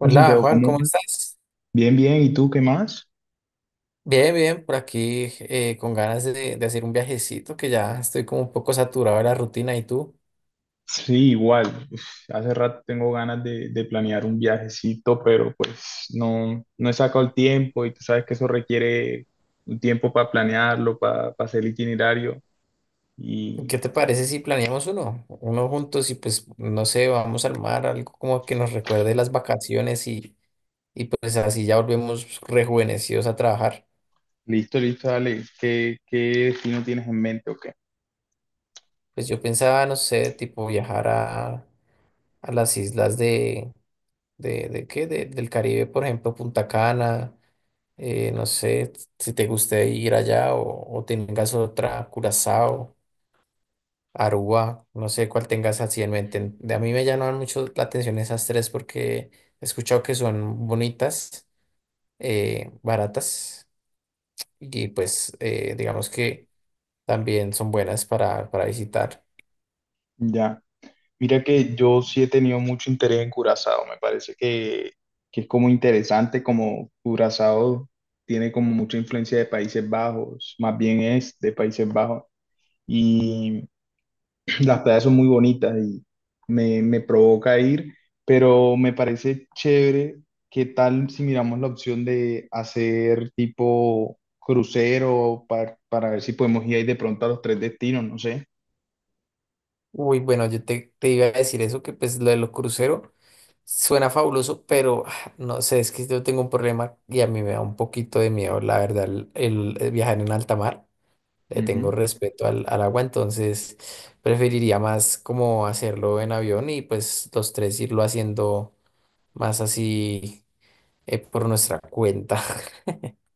Hola, Santiago, Juan, ¿cómo ¿cómo vas? estás? Bien, bien, ¿y tú qué más? Bien, bien, por aquí, con ganas de hacer un viajecito, que ya estoy como un poco saturado de la rutina. ¿Y tú? Sí, igual. Uf, hace rato tengo ganas de planear un viajecito, pero pues no, no he sacado el tiempo y tú sabes que eso requiere un tiempo para planearlo, para hacer el itinerario. Y ¿Qué te parece si planeamos uno? Uno juntos y, pues no sé, vamos al mar, algo como que nos recuerde las vacaciones, y pues así ya volvemos rejuvenecidos a trabajar. listo, listo, dale. ¿¿Qué destino tienes en mente o qué? Pues yo pensaba, no sé, tipo viajar a las islas de. ¿De qué? Del Caribe, por ejemplo, Punta Cana. No sé si te guste ir allá, o tengas otra, Curazao, Aruba, no sé cuál tengas así en mente. De a mí me llaman mucho la atención esas tres porque he escuchado que son bonitas, baratas, y pues digamos que también son buenas para visitar. Ya. Mira que yo sí he tenido mucho interés en Curazao, me parece que es como interesante, como Curazao tiene como mucha influencia de Países Bajos, más bien es de Países Bajos, y las playas son muy bonitas y me provoca ir, pero me parece chévere, qué tal si miramos la opción de hacer tipo crucero para ver si podemos ir ahí de pronto a los tres destinos, no sé. Uy, bueno, yo te iba a decir eso, que pues lo de los cruceros suena fabuloso, pero, no sé, es que yo tengo un problema y a mí me da un poquito de miedo, la verdad, el viajar en alta mar. Le tengo Ujú. respeto al agua, entonces preferiría más como hacerlo en avión, y pues los tres irlo haciendo más así, por nuestra cuenta.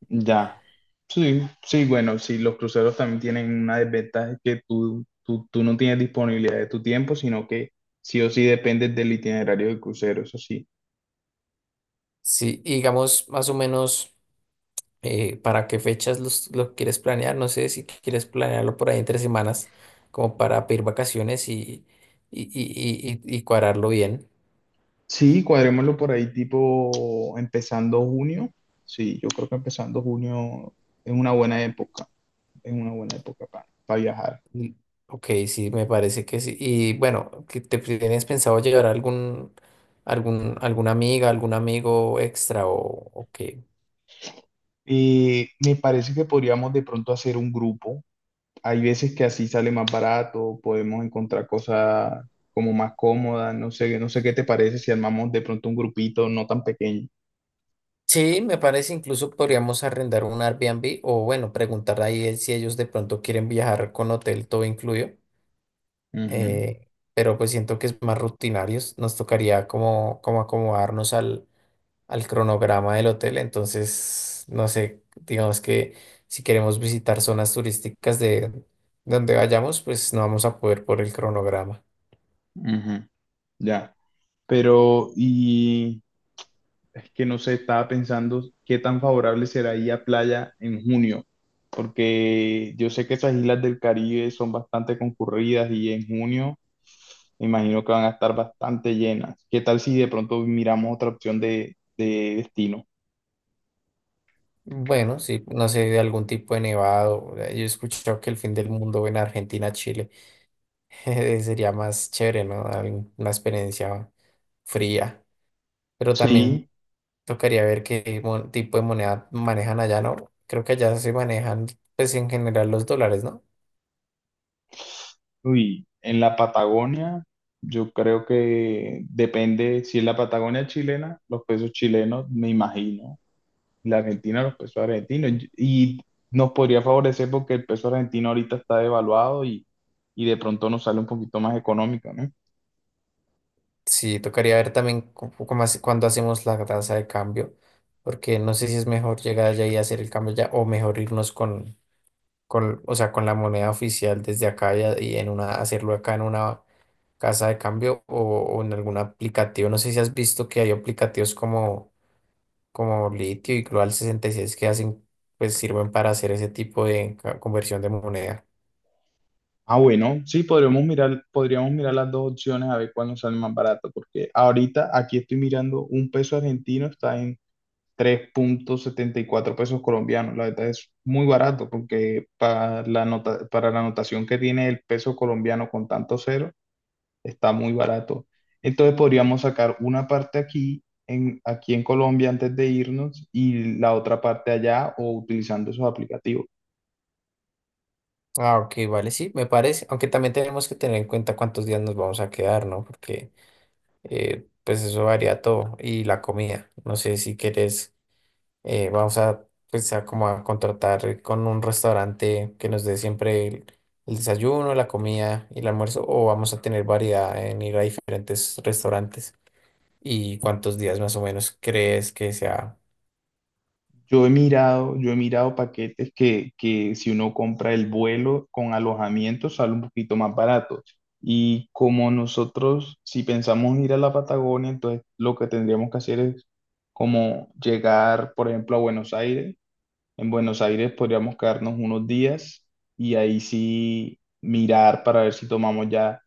Ya, sí, sí, bueno, sí, los cruceros también tienen una desventaja, es que tú no tienes disponibilidad de tu tiempo, sino que sí o sí dependes del itinerario del crucero, eso sí. Sí, y digamos más o menos. ¿Para qué fechas lo quieres planear? No sé si quieres planearlo por ahí entre semanas, como para pedir vacaciones y, y cuadrarlo bien. Sí, cuadrémoslo por ahí tipo empezando junio. Sí, yo creo que empezando junio es una buena época, es una buena época para viajar. Mm. Ok, sí, me parece que sí. Y bueno, ¿que ¿te tienes pensado llevar alguna amiga, algún amigo extra, o qué? Y me parece que podríamos de pronto hacer un grupo. Hay veces que así sale más barato, podemos encontrar cosas como más cómodas, no sé, no sé qué te parece si armamos de pronto un grupito no tan pequeño. Sí, me parece, incluso podríamos arrendar un Airbnb, o bueno, preguntar ahí el- si ellos de pronto quieren viajar con hotel todo incluido. Ujú, eh, pero pues siento que es más rutinarios. Nos tocaría como, como acomodarnos al cronograma del hotel. Entonces, no sé, digamos que si queremos visitar zonas turísticas de donde vayamos, pues no vamos a poder por el cronograma. ujú, ya. Pero, y es que no sé, estaba pensando qué tan favorable será ir a playa en junio, porque yo sé que esas islas del Caribe son bastante concurridas y en junio me imagino que van a estar bastante llenas. ¿Qué tal si de pronto miramos otra opción de destino? Bueno, sí, no sé, de algún tipo de nevado. Yo he escuchado que el fin del mundo en Argentina, Chile, sería más chévere, ¿no? Algún- una experiencia fría. Pero también Sí. tocaría ver qué tipo de moneda manejan allá, ¿no? Creo que allá se manejan, pues en general, los dólares, ¿no? Uy, en la Patagonia, yo creo que depende, si es la Patagonia chilena, los pesos chilenos, me imagino, la Argentina, los pesos argentinos, y nos podría favorecer porque el peso argentino ahorita está devaluado y de pronto nos sale un poquito más económico, ¿no? Sí, tocaría ver también cómo cuándo hacemos la tasa de cambio, porque no sé si es mejor llegar allá y hacer el cambio ya, o mejor irnos o sea, con la moneda oficial desde acá, y, y en una, hacerlo acá en una casa de cambio, o en algún aplicativo. No sé si has visto que hay aplicativos como Litio y Global 66, que hacen, pues sirven para hacer ese tipo de conversión de moneda. Ah, bueno, sí, podríamos mirar las dos opciones a ver cuál nos sale más barato, porque ahorita aquí estoy mirando un peso argentino, está en 3,74 pesos colombianos. La verdad es muy barato porque para la notación que tiene el peso colombiano con tanto cero, está muy barato. Entonces podríamos sacar una parte aquí en, Colombia antes de irnos y la otra parte allá o utilizando esos aplicativos. Ah, ok, vale, sí, me parece. Aunque también tenemos que tener en cuenta cuántos días nos vamos a quedar, ¿no? Porque, pues eso varía todo, y la comida. No sé si quieres, vamos a, pues a, como a contratar con un restaurante que nos dé siempre el desayuno, la comida y el almuerzo, o vamos a tener variedad en ir a diferentes restaurantes. ¿Y cuántos días más o menos crees que sea? Yo he mirado paquetes que si uno compra el vuelo con alojamiento sale un poquito más barato. Y como nosotros, si pensamos ir a la Patagonia, entonces lo que tendríamos que hacer es como llegar, por ejemplo, a Buenos Aires. En Buenos Aires podríamos quedarnos unos días y ahí sí mirar para ver si tomamos ya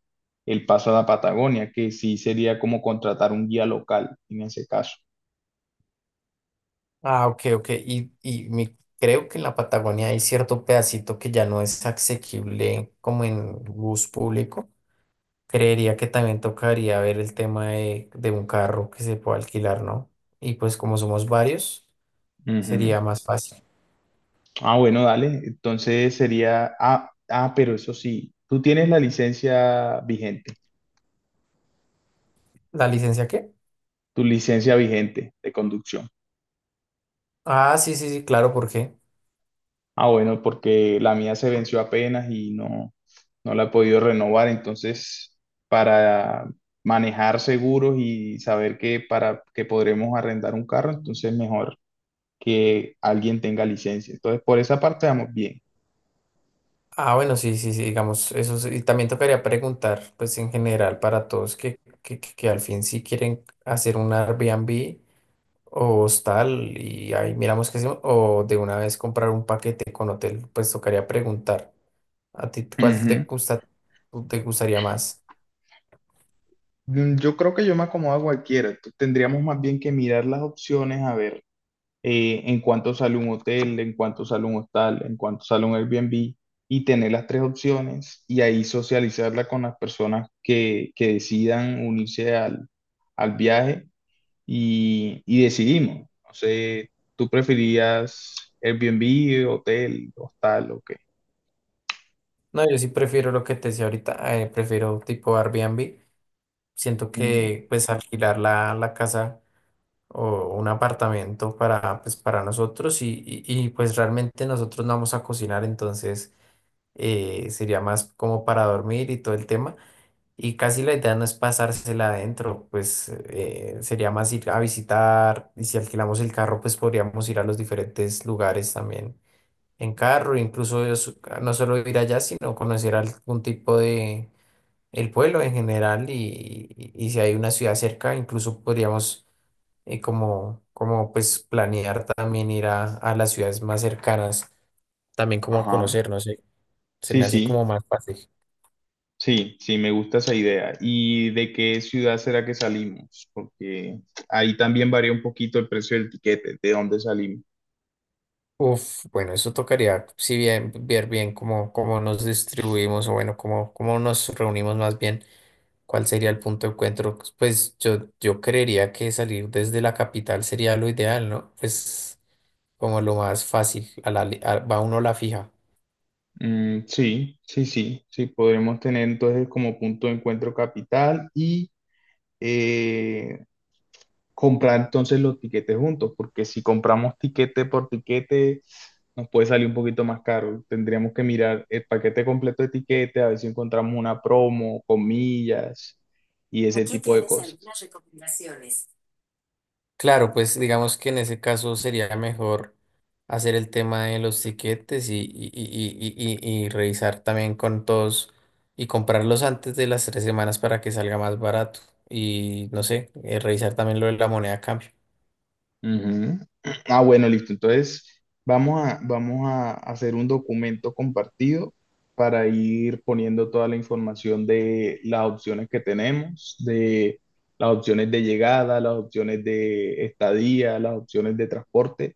el paso a la Patagonia, que sí sería como contratar un guía local en ese caso. Ah, ok, ok. Y mi- creo que en la Patagonia hay cierto pedacito que ya no es asequible como en bus público. Creería que también tocaría ver el tema de un carro que se pueda alquilar, ¿no? Y pues como somos varios, sería más fácil. Ah, bueno, dale. Entonces sería, pero eso sí, tú tienes ¿La licencia qué? tu licencia vigente de conducción. Ah, sí, sí, sí, claro, ¿por qué? Ah, bueno, porque la mía se venció apenas y no, no la he podido renovar. Entonces, para manejar seguros y saber que para que podremos arrendar un carro, entonces mejor que alguien tenga licencia. Entonces, por esa parte vamos bien. Ah, bueno, sí, sí, sí, digamos, eso sí. Y también tocaría preguntar, pues en general, para todos, que al fin si quieren hacer un Airbnb o hostal, y ahí miramos qué hacemos, o de una vez comprar un paquete con hotel, pues tocaría preguntar. ¿A ti cuál Ujú. Te gustaría más? Mm, yo creo que yo me acomodo a cualquiera. Entonces, tendríamos más bien que mirar las opciones a ver, en cuánto sale un hotel, en cuánto sale un hostal, en cuánto sale un Airbnb, y tener las tres opciones y ahí socializarla con las personas que decidan unirse al, al viaje y decidimos. No sé, ¿tú preferías Airbnb, hotel, hostal o qué? No, yo sí prefiero lo que te decía ahorita, prefiero tipo Airbnb. Siento Ujú. que pues alquilar la casa o un apartamento para, pues, para nosotros, pues realmente nosotros no vamos a cocinar, entonces sería más como para dormir y todo el tema. Y casi la idea no es pasársela adentro, pues sería más ir a visitar, y si alquilamos el carro, pues podríamos ir a los diferentes lugares también en carro, no solo ir allá, sino conocer algún tipo de el pueblo en general, y si hay una ciudad cerca, incluso podríamos, como pues planear también ir a las ciudades más cercanas, también como a Ajá. conocer, no sé, se Sí, me sí, hace como más fácil. sí, sí, me gusta esa idea. ¿Y de qué ciudad será que salimos? Porque ahí también varía un poquito el precio del tiquete, de dónde salimos. Uf, bueno, eso tocaría, si bien, ver bien cómo nos distribuimos, o bueno, cómo nos reunimos más bien, cuál sería el punto de encuentro. Pues yo creería que salir desde la capital sería lo ideal, ¿no? Pues como lo más fácil, a la li- a- va uno a la fija. Mm, sí, sí, sí, sí, podremos tener entonces como punto de encuentro capital y, eh, comprar entonces los tiquetes juntos, porque si compramos tiquete por tiquete nos puede salir un poquito más caro. Tendríamos que mirar el paquete completo de tiquete, a ver si encontramos una promo, comillas, y ese tipo de cosas. Claro, pues digamos que en ese caso sería mejor hacer el tema de los tiquetes, y, y revisar también con todos, y comprarlos antes de las 3 semanas para que salga más barato. Y no sé, revisar también lo de la moneda a cambio. Ujú. Ah, bueno, listo. Entonces, vamos a hacer un documento compartido para ir poniendo toda la información de las opciones que tenemos, de las opciones de llegada, las opciones de estadía, las opciones de transporte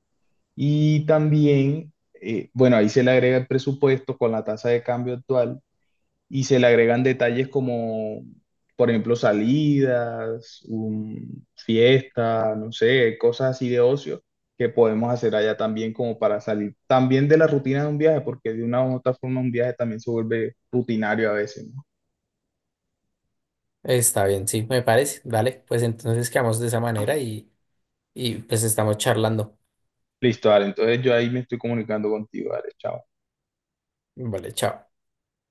y también, bueno, ahí se le agrega el presupuesto con la tasa de cambio actual y se le agregan detalles como, por ejemplo, salidas, fiesta, no sé, cosas así de ocio que podemos hacer allá también como para salir también de la rutina de un viaje, porque de una u otra forma un viaje también se vuelve rutinario a veces, ¿no? Está bien, sí, me parece. Vale, pues entonces quedamos de esa manera, y pues estamos charlando. Listo, Ale, entonces yo ahí me estoy comunicando contigo, Ale, chao. Vale, chao.